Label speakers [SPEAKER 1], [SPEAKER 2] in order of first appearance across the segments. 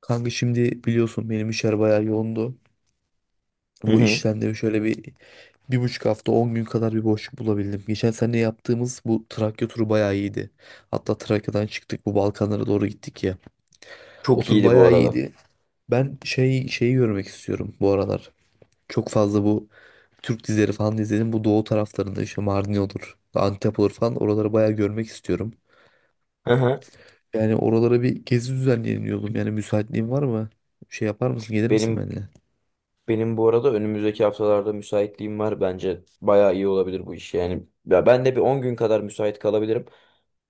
[SPEAKER 1] Kanka şimdi biliyorsun benim işler bayağı yoğundu.
[SPEAKER 2] Hı
[SPEAKER 1] Bu
[SPEAKER 2] hı.
[SPEAKER 1] işten de şöyle bir, 1,5 hafta 10 gün kadar bir boşluk bulabildim. Geçen sene yaptığımız bu Trakya turu bayağı iyiydi. Hatta Trakya'dan çıktık, bu Balkanlara doğru gittik ya. O
[SPEAKER 2] Çok
[SPEAKER 1] tur
[SPEAKER 2] iyiydi bu
[SPEAKER 1] bayağı
[SPEAKER 2] arada.
[SPEAKER 1] iyiydi. Ben şeyi görmek istiyorum bu aralar. Çok fazla bu Türk dizileri falan izledim. Bu doğu taraflarında işte Mardin olur, Antep olur falan, oraları bayağı görmek istiyorum.
[SPEAKER 2] Hı hı.
[SPEAKER 1] Yani oralara bir gezi düzenleyelim diyordum. Yani müsaitliğin var mı? Şey yapar mısın? Gelir misin
[SPEAKER 2] Benim
[SPEAKER 1] benimle?
[SPEAKER 2] benim bu arada önümüzdeki haftalarda müsaitliğim var. Bence bayağı iyi olabilir bu iş yani. Ya ben de bir 10 gün kadar müsait kalabilirim.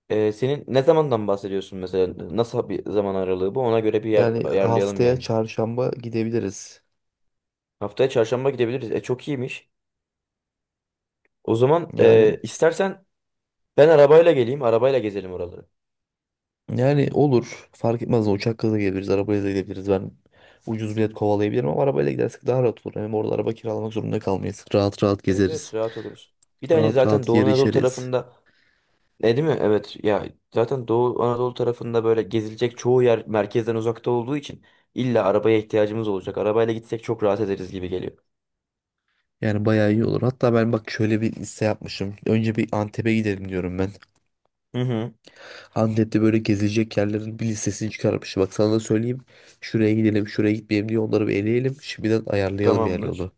[SPEAKER 2] Senin ne zamandan bahsediyorsun mesela? Nasıl bir zaman aralığı bu? Ona göre bir yer
[SPEAKER 1] Yani
[SPEAKER 2] ayarlayalım
[SPEAKER 1] haftaya
[SPEAKER 2] yani.
[SPEAKER 1] çarşamba gidebiliriz.
[SPEAKER 2] Haftaya çarşamba gidebiliriz. E çok iyiymiş. O zaman
[SPEAKER 1] Yani
[SPEAKER 2] istersen ben arabayla geleyim. Arabayla gezelim oraları.
[SPEAKER 1] yani olur. Fark etmez. Uçakla da gelebiliriz, arabayla da gidebiliriz. Ben ucuz bilet kovalayabilirim ama arabayla gidersek daha rahat olur. Hem orada araba kiralamak zorunda kalmayız. Rahat rahat
[SPEAKER 2] Evet
[SPEAKER 1] gezeriz.
[SPEAKER 2] evet, rahat oluruz. Bir de hani
[SPEAKER 1] Rahat
[SPEAKER 2] zaten
[SPEAKER 1] rahat
[SPEAKER 2] Doğu
[SPEAKER 1] yer
[SPEAKER 2] Anadolu
[SPEAKER 1] içeriz.
[SPEAKER 2] tarafında. E değil mi? Evet ya, zaten Doğu Anadolu tarafında böyle gezilecek çoğu yer merkezden uzakta olduğu için illa arabaya ihtiyacımız olacak. Arabayla gitsek çok rahat ederiz gibi geliyor.
[SPEAKER 1] Yani bayağı iyi olur. Hatta ben bak şöyle bir liste yapmışım. Önce bir Antep'e gidelim diyorum ben.
[SPEAKER 2] Hı hı.
[SPEAKER 1] Antep'te böyle gezilecek yerlerin bir listesini çıkarmış. Bak sana da söyleyeyim. Şuraya gidelim, şuraya gitmeyelim diye onları bir eleyelim. Şimdiden ayarlayalım yani onu.
[SPEAKER 2] Tamamdır.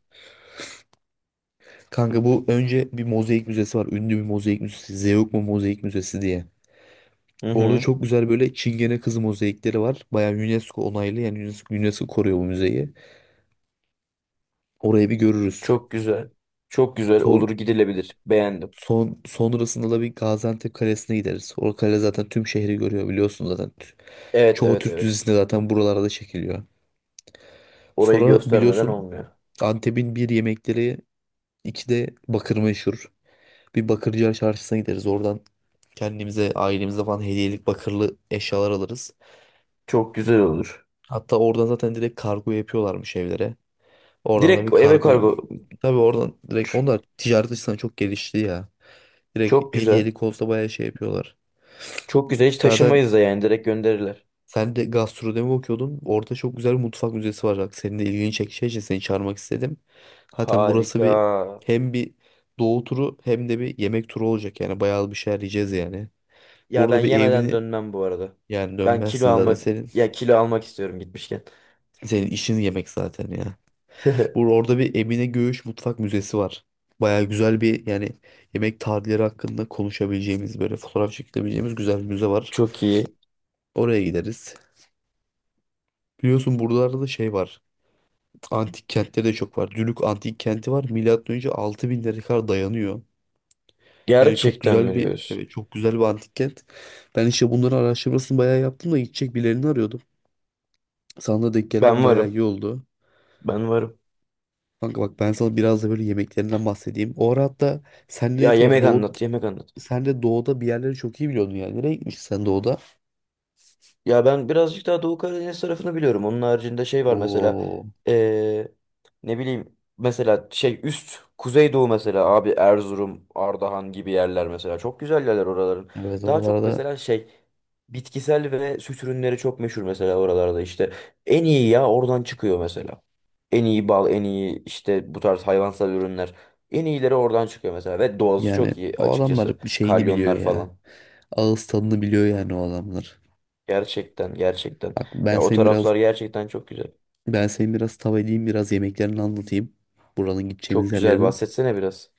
[SPEAKER 1] Kanka bu, önce bir mozaik müzesi var. Ünlü bir mozaik müzesi. Zeugma Mozaik Müzesi diye.
[SPEAKER 2] Hı
[SPEAKER 1] Orada
[SPEAKER 2] hı.
[SPEAKER 1] çok güzel böyle Çingene kızı mozaikleri var. Bayağı UNESCO onaylı, yani UNESCO koruyor bu müzeyi. Orayı bir görürüz.
[SPEAKER 2] Çok güzel. Çok güzel olur,
[SPEAKER 1] Son,
[SPEAKER 2] gidilebilir. Beğendim.
[SPEAKER 1] sonrasında da bir Gaziantep Kalesi'ne gideriz. O kale zaten tüm şehri görüyor biliyorsun zaten.
[SPEAKER 2] Evet
[SPEAKER 1] Çoğu
[SPEAKER 2] evet
[SPEAKER 1] Türk
[SPEAKER 2] evet.
[SPEAKER 1] dizisinde zaten buralarda çekiliyor.
[SPEAKER 2] Orayı
[SPEAKER 1] Sonra
[SPEAKER 2] göstermeden
[SPEAKER 1] biliyorsun
[SPEAKER 2] olmuyor.
[SPEAKER 1] Antep'in bir yemekleri, iki de bakır meşhur. Bir Bakırcılar Çarşısı'na gideriz. Oradan kendimize, ailemize falan hediyelik bakırlı eşyalar alırız.
[SPEAKER 2] Çok güzel olur.
[SPEAKER 1] Hatta oradan zaten direkt kargo yapıyorlarmış evlere. Oradan da
[SPEAKER 2] Direkt
[SPEAKER 1] bir
[SPEAKER 2] eve
[SPEAKER 1] kargoyu.
[SPEAKER 2] kargo.
[SPEAKER 1] Tabii oradan direkt onlar
[SPEAKER 2] Ç-
[SPEAKER 1] ticaret açısından çok gelişti ya.
[SPEAKER 2] Çok
[SPEAKER 1] Direkt
[SPEAKER 2] güzel.
[SPEAKER 1] hediyelik olsa bayağı şey yapıyorlar.
[SPEAKER 2] Çok güzel. Hiç
[SPEAKER 1] Zaten
[SPEAKER 2] taşımayız da yani, direkt gönderirler.
[SPEAKER 1] sen de gastronomi okuyordun. Orada çok güzel bir mutfak müzesi var. Bak, senin de ilgini çekeceği için seni çağırmak istedim. Zaten burası
[SPEAKER 2] Harika.
[SPEAKER 1] bir, hem bir doğu turu hem de bir yemek turu olacak. Yani bayağı bir şeyler yiyeceğiz yani.
[SPEAKER 2] Ya ben
[SPEAKER 1] Burada bir
[SPEAKER 2] yemeden
[SPEAKER 1] evine
[SPEAKER 2] dönmem bu arada.
[SPEAKER 1] yani
[SPEAKER 2] Ben kilo
[SPEAKER 1] Dönmezsin zaten,
[SPEAKER 2] almak
[SPEAKER 1] senin
[SPEAKER 2] Ya kilo almak istiyorum gitmişken.
[SPEAKER 1] senin işin yemek zaten ya. Orada bir Emine Göğüş Mutfak Müzesi var. Baya güzel bir, yani yemek tarihleri hakkında konuşabileceğimiz, böyle fotoğraf çekebileceğimiz güzel bir müze var.
[SPEAKER 2] Çok iyi.
[SPEAKER 1] Oraya gideriz. Biliyorsun buralarda da şey var. Antik kentleri de çok var. Dülük Antik Kenti var. Milattan önce 6000'lere kadar dayanıyor. Yani çok
[SPEAKER 2] Gerçekten
[SPEAKER 1] güzel
[SPEAKER 2] mi
[SPEAKER 1] bir,
[SPEAKER 2] diyorsun?
[SPEAKER 1] evet, çok güzel bir antik kent. Ben işte bunların araştırmasını bayağı yaptım da gidecek birilerini arıyordum. Sana da denk gelmem
[SPEAKER 2] Ben
[SPEAKER 1] bayağı
[SPEAKER 2] varım.
[SPEAKER 1] iyi oldu.
[SPEAKER 2] Ben varım.
[SPEAKER 1] Kanka bak, ben sana biraz da böyle yemeklerinden bahsedeyim. O ara hatta sen de
[SPEAKER 2] Ya
[SPEAKER 1] ne tarafı
[SPEAKER 2] yemek
[SPEAKER 1] doğu
[SPEAKER 2] anlat, yemek anlat.
[SPEAKER 1] sen de doğuda bir yerleri çok iyi biliyordun yani. Nereye gitmiştin sen doğuda?
[SPEAKER 2] Ya ben birazcık daha Doğu Karadeniz tarafını biliyorum. Onun haricinde şey var mesela,
[SPEAKER 1] Oo,
[SPEAKER 2] eee, ne bileyim, mesela şey üst Kuzeydoğu, mesela abi Erzurum, Ardahan gibi yerler mesela, çok güzel yerler oraların.
[SPEAKER 1] evet,
[SPEAKER 2] Daha çok
[SPEAKER 1] oralarda
[SPEAKER 2] mesela şey, bitkisel ve süt ürünleri çok meşhur mesela oralarda, işte en iyi ya oradan çıkıyor mesela. En iyi bal, en iyi işte bu tarz hayvansal ürünler. En iyileri oradan çıkıyor mesela ve doğası
[SPEAKER 1] yani
[SPEAKER 2] çok iyi
[SPEAKER 1] o
[SPEAKER 2] açıkçası.
[SPEAKER 1] adamlar bir şeyini biliyor
[SPEAKER 2] Kalyonlar
[SPEAKER 1] ya.
[SPEAKER 2] falan.
[SPEAKER 1] Ağız tadını biliyor yani o adamlar.
[SPEAKER 2] Gerçekten gerçekten.
[SPEAKER 1] Bak ben
[SPEAKER 2] Ya o
[SPEAKER 1] senin biraz
[SPEAKER 2] taraflar gerçekten çok güzel.
[SPEAKER 1] ben senin biraz tav edeyim, biraz yemeklerini anlatayım. Buranın, gideceğimiz
[SPEAKER 2] Çok güzel,
[SPEAKER 1] yerlerin.
[SPEAKER 2] bahsetsene biraz.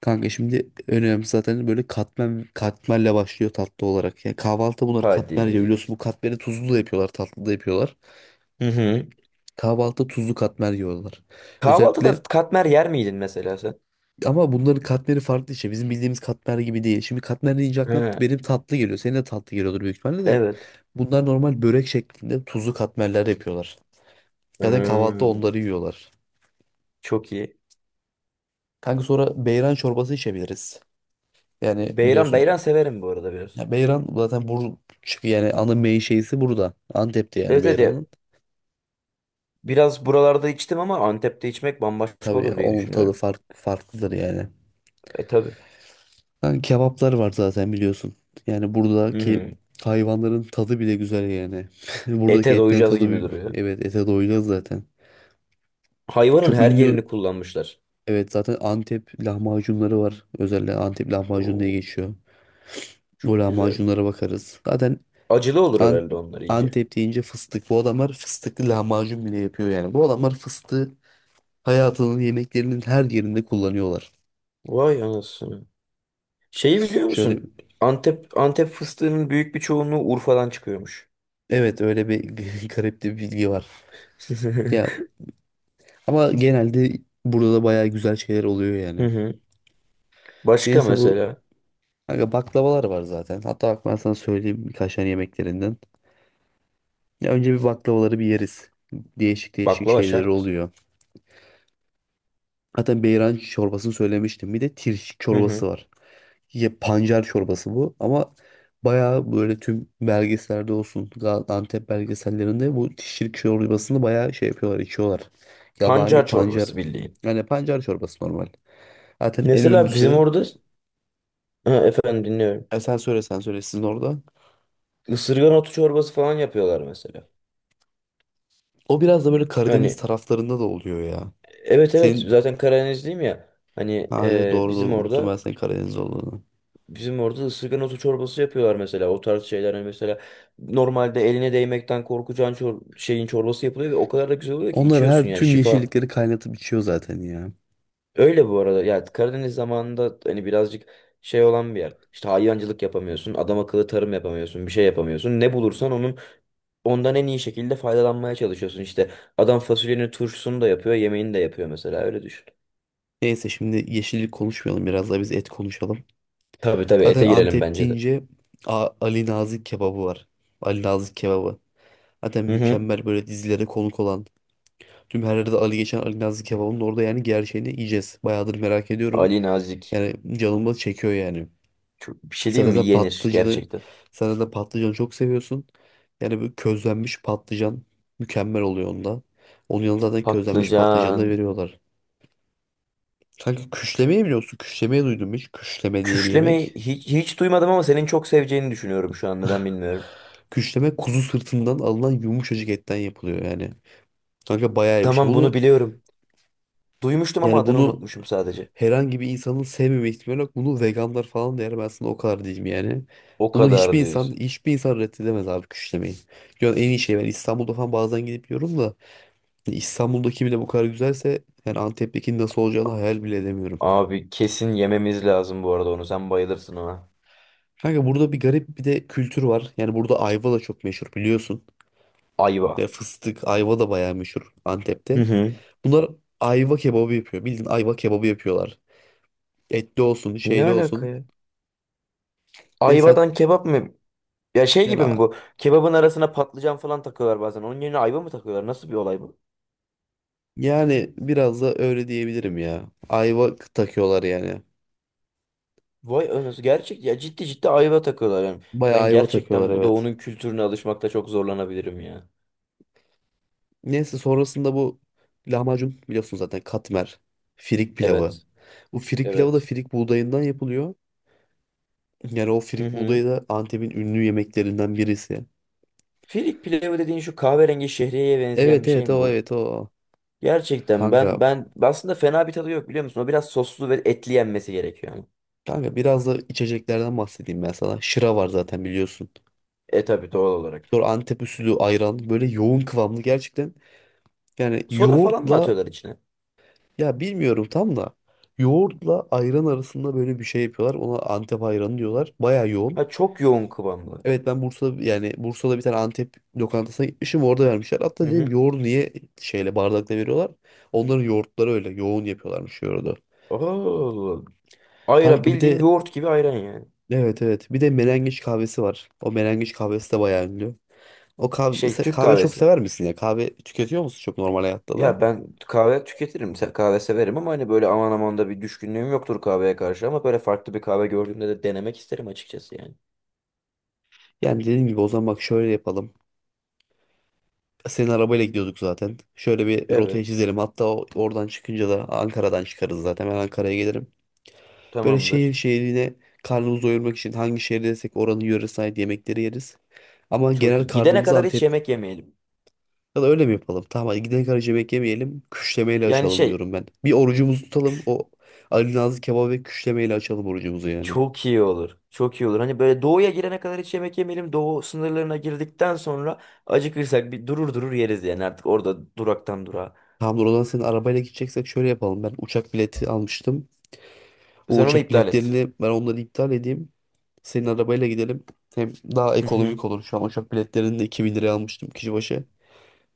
[SPEAKER 1] Kanka şimdi önemli, zaten böyle katmer, katmerle başlıyor tatlı olarak. Yani kahvaltı, bunlar katmer ya,
[SPEAKER 2] Hadi.
[SPEAKER 1] biliyorsun bu katmeri tuzlu da yapıyorlar, tatlı da yapıyorlar.
[SPEAKER 2] Hı hı.
[SPEAKER 1] Kahvaltıda tuzlu katmer yiyorlar. Özellikle,
[SPEAKER 2] Kahvaltıda katmer yer miydin mesela sen?
[SPEAKER 1] ama bunların katmeri farklı işte. Bizim bildiğimiz katmer gibi değil. Şimdi katmer deyince aklına
[SPEAKER 2] He.
[SPEAKER 1] benim tatlı geliyor. Senin de tatlı geliyordur büyük ihtimalle de.
[SPEAKER 2] Evet.
[SPEAKER 1] Bunlar normal börek şeklinde tuzlu katmerler yapıyorlar. Zaten kahvaltıda
[SPEAKER 2] Hmm.
[SPEAKER 1] onları yiyorlar.
[SPEAKER 2] Çok iyi.
[SPEAKER 1] Kanka sonra beyran çorbası içebiliriz. Yani
[SPEAKER 2] Beyran,
[SPEAKER 1] biliyorsun
[SPEAKER 2] beyran severim bu arada biraz.
[SPEAKER 1] ya, beyran zaten çünkü yani ana mey şeysi burada. Antep'te yani
[SPEAKER 2] Evet evet ya.
[SPEAKER 1] beyranın.
[SPEAKER 2] Biraz buralarda içtim ama Antep'te içmek bambaşka
[SPEAKER 1] Tabii ya,
[SPEAKER 2] olur diye
[SPEAKER 1] onun tadı
[SPEAKER 2] düşünüyorum.
[SPEAKER 1] farklıdır yani.
[SPEAKER 2] E tabii.
[SPEAKER 1] Yani kebaplar var zaten biliyorsun. Yani
[SPEAKER 2] Hı
[SPEAKER 1] buradaki
[SPEAKER 2] hı.
[SPEAKER 1] hayvanların tadı bile güzel yani. Buradaki
[SPEAKER 2] Ete
[SPEAKER 1] etlerin
[SPEAKER 2] doyacağız
[SPEAKER 1] tadı
[SPEAKER 2] gibi duruyor.
[SPEAKER 1] evet, ete doyuyor zaten.
[SPEAKER 2] Hayvanın
[SPEAKER 1] Çok
[SPEAKER 2] her
[SPEAKER 1] ünlü,
[SPEAKER 2] yerini kullanmışlar.
[SPEAKER 1] evet, zaten Antep lahmacunları var. Özellikle Antep lahmacun diye
[SPEAKER 2] Oo,
[SPEAKER 1] geçiyor. O
[SPEAKER 2] çok güzel.
[SPEAKER 1] lahmacunlara bakarız. Zaten
[SPEAKER 2] Acılı olur
[SPEAKER 1] An-
[SPEAKER 2] herhalde onlar iyice.
[SPEAKER 1] Antep deyince fıstık. Bu adamlar fıstıklı lahmacun bile yapıyor yani. Bu adamlar fıstığı hayatının yemeklerinin her yerinde kullanıyorlar.
[SPEAKER 2] Vay anasını. Şeyi biliyor
[SPEAKER 1] Şöyle
[SPEAKER 2] musun? Antep, Antep fıstığının büyük bir çoğunluğu Urfa'dan çıkıyormuş.
[SPEAKER 1] evet, öyle bir garip de bir bilgi var. Ya, ama genelde burada da bayağı güzel şeyler oluyor
[SPEAKER 2] Hı
[SPEAKER 1] yani.
[SPEAKER 2] hı. Başka
[SPEAKER 1] Neyse
[SPEAKER 2] mesela,
[SPEAKER 1] kanka baklavalar var zaten. Hatta bak, ben sana söyleyeyim birkaç tane yemeklerinden. Ya önce bir baklavaları bir yeriz. Değişik değişik
[SPEAKER 2] baklava
[SPEAKER 1] şeyleri
[SPEAKER 2] şart.
[SPEAKER 1] oluyor. Zaten beyran çorbasını söylemiştim. Bir de tirş
[SPEAKER 2] Hı
[SPEAKER 1] çorbası
[SPEAKER 2] hı.
[SPEAKER 1] var. Ya pancar çorbası bu ama bayağı böyle tüm belgesellerde olsun, Antep belgesellerinde bu tirş çorbasını bayağı şey yapıyorlar, içiyorlar. Yabani
[SPEAKER 2] Pancar
[SPEAKER 1] pancar.
[SPEAKER 2] çorbası bildiğin.
[SPEAKER 1] Yani pancar çorbası normal. Zaten en
[SPEAKER 2] Mesela bizim
[SPEAKER 1] ünlüsü.
[SPEAKER 2] orada, ha, efendim, dinliyorum.
[SPEAKER 1] Sen söyle, sen söyle, sizin orada.
[SPEAKER 2] Isırgan otu çorbası falan yapıyorlar mesela.
[SPEAKER 1] O biraz da böyle Karadeniz
[SPEAKER 2] Hani
[SPEAKER 1] taraflarında da oluyor ya.
[SPEAKER 2] evet evet,
[SPEAKER 1] Senin
[SPEAKER 2] zaten Karadenizliyim ya. Hani
[SPEAKER 1] ha, evet, doğru,
[SPEAKER 2] bizim
[SPEAKER 1] doğru, unuttum ben
[SPEAKER 2] orada,
[SPEAKER 1] senin Karadeniz olduğunu.
[SPEAKER 2] bizim orada ısırgan otu çorbası yapıyorlar mesela. O tarz şeyler hani, mesela normalde eline değmekten korkacağın şeyin çorbası yapılıyor ve o kadar da güzel oluyor ki
[SPEAKER 1] Onlar
[SPEAKER 2] içiyorsun,
[SPEAKER 1] her
[SPEAKER 2] yani
[SPEAKER 1] tüm
[SPEAKER 2] şifa.
[SPEAKER 1] yeşillikleri kaynatıp içiyor zaten ya.
[SPEAKER 2] Öyle bu arada. Ya Karadeniz zamanında hani birazcık şey olan bir yer. İşte hayvancılık yapamıyorsun, adam akıllı tarım yapamıyorsun, bir şey yapamıyorsun. Ne bulursan onun, ondan en iyi şekilde faydalanmaya çalışıyorsun. İşte adam fasulyenin turşusunu da yapıyor, yemeğini de yapıyor mesela. Öyle düşün.
[SPEAKER 1] Neyse şimdi yeşillik konuşmayalım, biraz da biz et konuşalım.
[SPEAKER 2] Tabii tabii,
[SPEAKER 1] Zaten
[SPEAKER 2] ete girelim
[SPEAKER 1] Antep
[SPEAKER 2] bence de.
[SPEAKER 1] deyince Ali Nazik kebabı var. Ali Nazik kebabı. Zaten
[SPEAKER 2] Hı hı.
[SPEAKER 1] mükemmel, böyle dizilere konuk olan. Tüm her yerde Ali geçen, Ali Nazik kebabının orada yani gerçeğini yiyeceğiz. Bayağıdır merak ediyorum.
[SPEAKER 2] Ali Nazik.
[SPEAKER 1] Yani canımı çekiyor yani.
[SPEAKER 2] Çok, bir şey diyeyim
[SPEAKER 1] Zaten
[SPEAKER 2] mi?
[SPEAKER 1] de
[SPEAKER 2] Yenir
[SPEAKER 1] patlıcanı,
[SPEAKER 2] gerçekten.
[SPEAKER 1] zaten de patlıcanı çok seviyorsun. Yani böyle közlenmiş patlıcan mükemmel oluyor onda. Onun yanında zaten közlenmiş patlıcanı da
[SPEAKER 2] Patlıcan.
[SPEAKER 1] veriyorlar. Kanka küşlemeyi biliyorsun. Küşlemeyi duydum hiç. Küşleme diye bir
[SPEAKER 2] Küşlemeyi
[SPEAKER 1] yemek.
[SPEAKER 2] hiç, hiç duymadım ama senin çok seveceğini düşünüyorum şu an. Neden bilmiyorum.
[SPEAKER 1] Küşleme kuzu sırtından alınan yumuşacık etten yapılıyor yani. Kanka bayağı iyi bir şey.
[SPEAKER 2] Tamam, bunu
[SPEAKER 1] Bunu
[SPEAKER 2] biliyorum. Duymuştum ama
[SPEAKER 1] yani
[SPEAKER 2] adını
[SPEAKER 1] bunu
[SPEAKER 2] unutmuşum sadece.
[SPEAKER 1] herhangi bir insanın sevmeme ihtimali yok. Bunu veganlar falan da yer. Ben sana o kadar diyeyim yani.
[SPEAKER 2] O
[SPEAKER 1] Bunu hiçbir
[SPEAKER 2] kadar
[SPEAKER 1] insan,
[SPEAKER 2] diyorsun.
[SPEAKER 1] hiçbir insan reddedemez abi küşlemeyi. Yani en iyi şey, ben İstanbul'da falan bazen gidip yiyorum da İstanbul'daki bile bu kadar güzelse yani Antep'teki nasıl olacağını hayal bile edemiyorum.
[SPEAKER 2] Abi kesin yememiz lazım bu arada onu. Sen bayılırsın ona.
[SPEAKER 1] Kanka burada bir garip bir de kültür var. Yani burada ayva da çok meşhur biliyorsun.
[SPEAKER 2] Ayva.
[SPEAKER 1] Ve fıstık, ayva da bayağı meşhur
[SPEAKER 2] Hı
[SPEAKER 1] Antep'te.
[SPEAKER 2] hı.
[SPEAKER 1] Bunlar ayva kebabı yapıyor. Bildiğin ayva kebabı yapıyorlar. Etli olsun,
[SPEAKER 2] Ne
[SPEAKER 1] şeyli
[SPEAKER 2] alaka
[SPEAKER 1] olsun.
[SPEAKER 2] ya?
[SPEAKER 1] Ve sen
[SPEAKER 2] Ayvadan kebap mı? Ya şey gibi
[SPEAKER 1] Yani,
[SPEAKER 2] mi bu? Kebabın arasına patlıcan falan takıyorlar bazen. Onun yerine ayva mı takıyorlar? Nasıl bir olay bu?
[SPEAKER 1] yani biraz da öyle diyebilirim ya. Ayva takıyorlar yani.
[SPEAKER 2] Vay anasını. Gerçek ya, ciddi ciddi ayva takıyorlar yani.
[SPEAKER 1] Bayağı
[SPEAKER 2] Ben
[SPEAKER 1] ayva takıyorlar,
[SPEAKER 2] gerçekten bu
[SPEAKER 1] evet.
[SPEAKER 2] doğunun kültürüne alışmakta çok zorlanabilirim ya.
[SPEAKER 1] Neyse sonrasında bu lahmacun biliyorsun, zaten katmer, firik pilavı.
[SPEAKER 2] Evet.
[SPEAKER 1] Bu firik pilavı da
[SPEAKER 2] Evet.
[SPEAKER 1] firik buğdayından yapılıyor. Yani o
[SPEAKER 2] Hı
[SPEAKER 1] firik
[SPEAKER 2] hı.
[SPEAKER 1] buğdayı da Antep'in ünlü yemeklerinden birisi.
[SPEAKER 2] Firik pilavı dediğin şu kahverengi şehriyeye benzeyen
[SPEAKER 1] Evet,
[SPEAKER 2] bir şey
[SPEAKER 1] evet,
[SPEAKER 2] mi
[SPEAKER 1] o.
[SPEAKER 2] bu?
[SPEAKER 1] Evet, o.
[SPEAKER 2] Gerçekten
[SPEAKER 1] Kanka,
[SPEAKER 2] ben aslında fena bir tadı yok biliyor musun? O biraz soslu ve etli yenmesi gerekiyor.
[SPEAKER 1] kanka biraz da içeceklerden bahsedeyim ben sana. Şıra var zaten biliyorsun.
[SPEAKER 2] E tabii, doğal olarak.
[SPEAKER 1] Sonra Antep usulü ayran, böyle yoğun kıvamlı gerçekten. Yani
[SPEAKER 2] Soda falan mı
[SPEAKER 1] yoğurtla,
[SPEAKER 2] atıyorlar içine?
[SPEAKER 1] ya bilmiyorum tam da, yoğurtla ayran arasında böyle bir şey yapıyorlar. Ona Antep ayranı diyorlar. Baya yoğun.
[SPEAKER 2] Ha, çok yoğun kıvamlı.
[SPEAKER 1] Evet, ben Bursa'da, yani Bursa'da bir tane Antep lokantasına gitmişim, orada vermişler. Hatta
[SPEAKER 2] Hı
[SPEAKER 1] dedim
[SPEAKER 2] hı.
[SPEAKER 1] yoğurdu niye şeyle, bardakla veriyorlar? Onların yoğurtları, öyle yoğun yapıyorlarmış yoğurdu.
[SPEAKER 2] Oo. Ayran
[SPEAKER 1] Kanka bir
[SPEAKER 2] bildiğin
[SPEAKER 1] de,
[SPEAKER 2] yoğurt gibi ayran yani.
[SPEAKER 1] evet, evet, bir de melengiç kahvesi var. O melengiç kahvesi de bayağı ünlü. O kahve,
[SPEAKER 2] Şey, Türk
[SPEAKER 1] kahve çok
[SPEAKER 2] kahvesi.
[SPEAKER 1] sever misin ya? Kahve tüketiyor musun çok, normal hayatta da?
[SPEAKER 2] Ya ben kahve tüketirim. Kahve severim ama hani böyle aman aman da bir düşkünlüğüm yoktur kahveye karşı, ama böyle farklı bir kahve gördüğümde de denemek isterim açıkçası yani.
[SPEAKER 1] Yani dediğim gibi, o zaman bak şöyle yapalım. Senin arabayla gidiyorduk zaten. Şöyle bir rotayı
[SPEAKER 2] Evet.
[SPEAKER 1] çizelim. Hatta oradan çıkınca da Ankara'dan çıkarız zaten. Ben Ankara'ya gelirim. Böyle şehir
[SPEAKER 2] Tamamdır.
[SPEAKER 1] şehrine karnımızı doyurmak için hangi şehirdeysek oranın yöresine ait yemekleri yeriz. Ama
[SPEAKER 2] Çok
[SPEAKER 1] genel
[SPEAKER 2] iyi. Gidene
[SPEAKER 1] karnımız
[SPEAKER 2] kadar hiç
[SPEAKER 1] Antep.
[SPEAKER 2] yemek yemeyelim.
[SPEAKER 1] Ya da öyle mi yapalım? Tamam, hadi gidene kadar hiç yemek yemeyelim. Küşlemeyle
[SPEAKER 2] Yani
[SPEAKER 1] açalım
[SPEAKER 2] şey
[SPEAKER 1] diyorum ben. Bir orucumuzu tutalım. O Ali Nazlı kebabı ve küşlemeyle açalım orucumuzu yani.
[SPEAKER 2] Çok iyi olur. Çok iyi olur. Hani böyle doğuya girene kadar hiç yemek yemeyelim. Doğu sınırlarına girdikten sonra acıkırsak bir durur durur yeriz yani, artık orada duraktan durağa.
[SPEAKER 1] Tamamdır, o zaman senin arabayla gideceksek şöyle yapalım. Ben uçak bileti almıştım. O
[SPEAKER 2] Sen onu
[SPEAKER 1] uçak
[SPEAKER 2] iptal et.
[SPEAKER 1] biletlerini ben, onları iptal edeyim. Senin arabayla gidelim. Hem daha
[SPEAKER 2] Hı hı.
[SPEAKER 1] ekonomik olur. Şu an uçak biletlerini de 2.000 liraya almıştım kişi başı.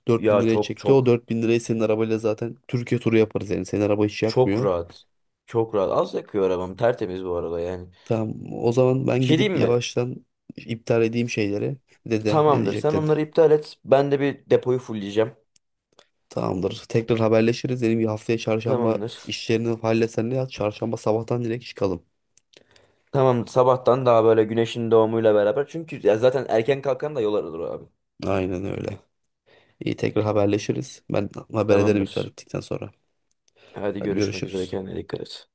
[SPEAKER 1] 4.000
[SPEAKER 2] Ya
[SPEAKER 1] liraya
[SPEAKER 2] çok
[SPEAKER 1] çekti. O
[SPEAKER 2] çok
[SPEAKER 1] 4.000 lirayı senin arabayla zaten Türkiye turu yaparız yani. Senin araba hiç
[SPEAKER 2] çok
[SPEAKER 1] yakmıyor.
[SPEAKER 2] rahat. Çok rahat. Az yakıyor arabam. Tertemiz bu arada yani.
[SPEAKER 1] Tamam, o zaman
[SPEAKER 2] Bir
[SPEAKER 1] ben
[SPEAKER 2] şey
[SPEAKER 1] gidip
[SPEAKER 2] diyeyim mi?
[SPEAKER 1] yavaştan iptal edeyim şeyleri. Dede ne
[SPEAKER 2] Tamamdır. Sen
[SPEAKER 1] diyecektin?
[SPEAKER 2] onları iptal et. Ben de bir depoyu fulleyeceğim.
[SPEAKER 1] Tamamdır. Tekrar haberleşiriz. Benim bir haftaya çarşamba
[SPEAKER 2] Tamamdır.
[SPEAKER 1] işlerini halletsen ne yap? Çarşamba sabahtan direkt çıkalım.
[SPEAKER 2] Tamam, sabahtan daha böyle güneşin doğumuyla beraber. Çünkü ya zaten erken kalkan da yol alır abi.
[SPEAKER 1] Aynen öyle. İyi, tekrar haberleşiriz. Ben haber ederim iptal
[SPEAKER 2] Tamamdır.
[SPEAKER 1] ettikten sonra.
[SPEAKER 2] Hadi
[SPEAKER 1] Hadi
[SPEAKER 2] görüşmek üzere.
[SPEAKER 1] görüşürüz.
[SPEAKER 2] Kendine dikkat et.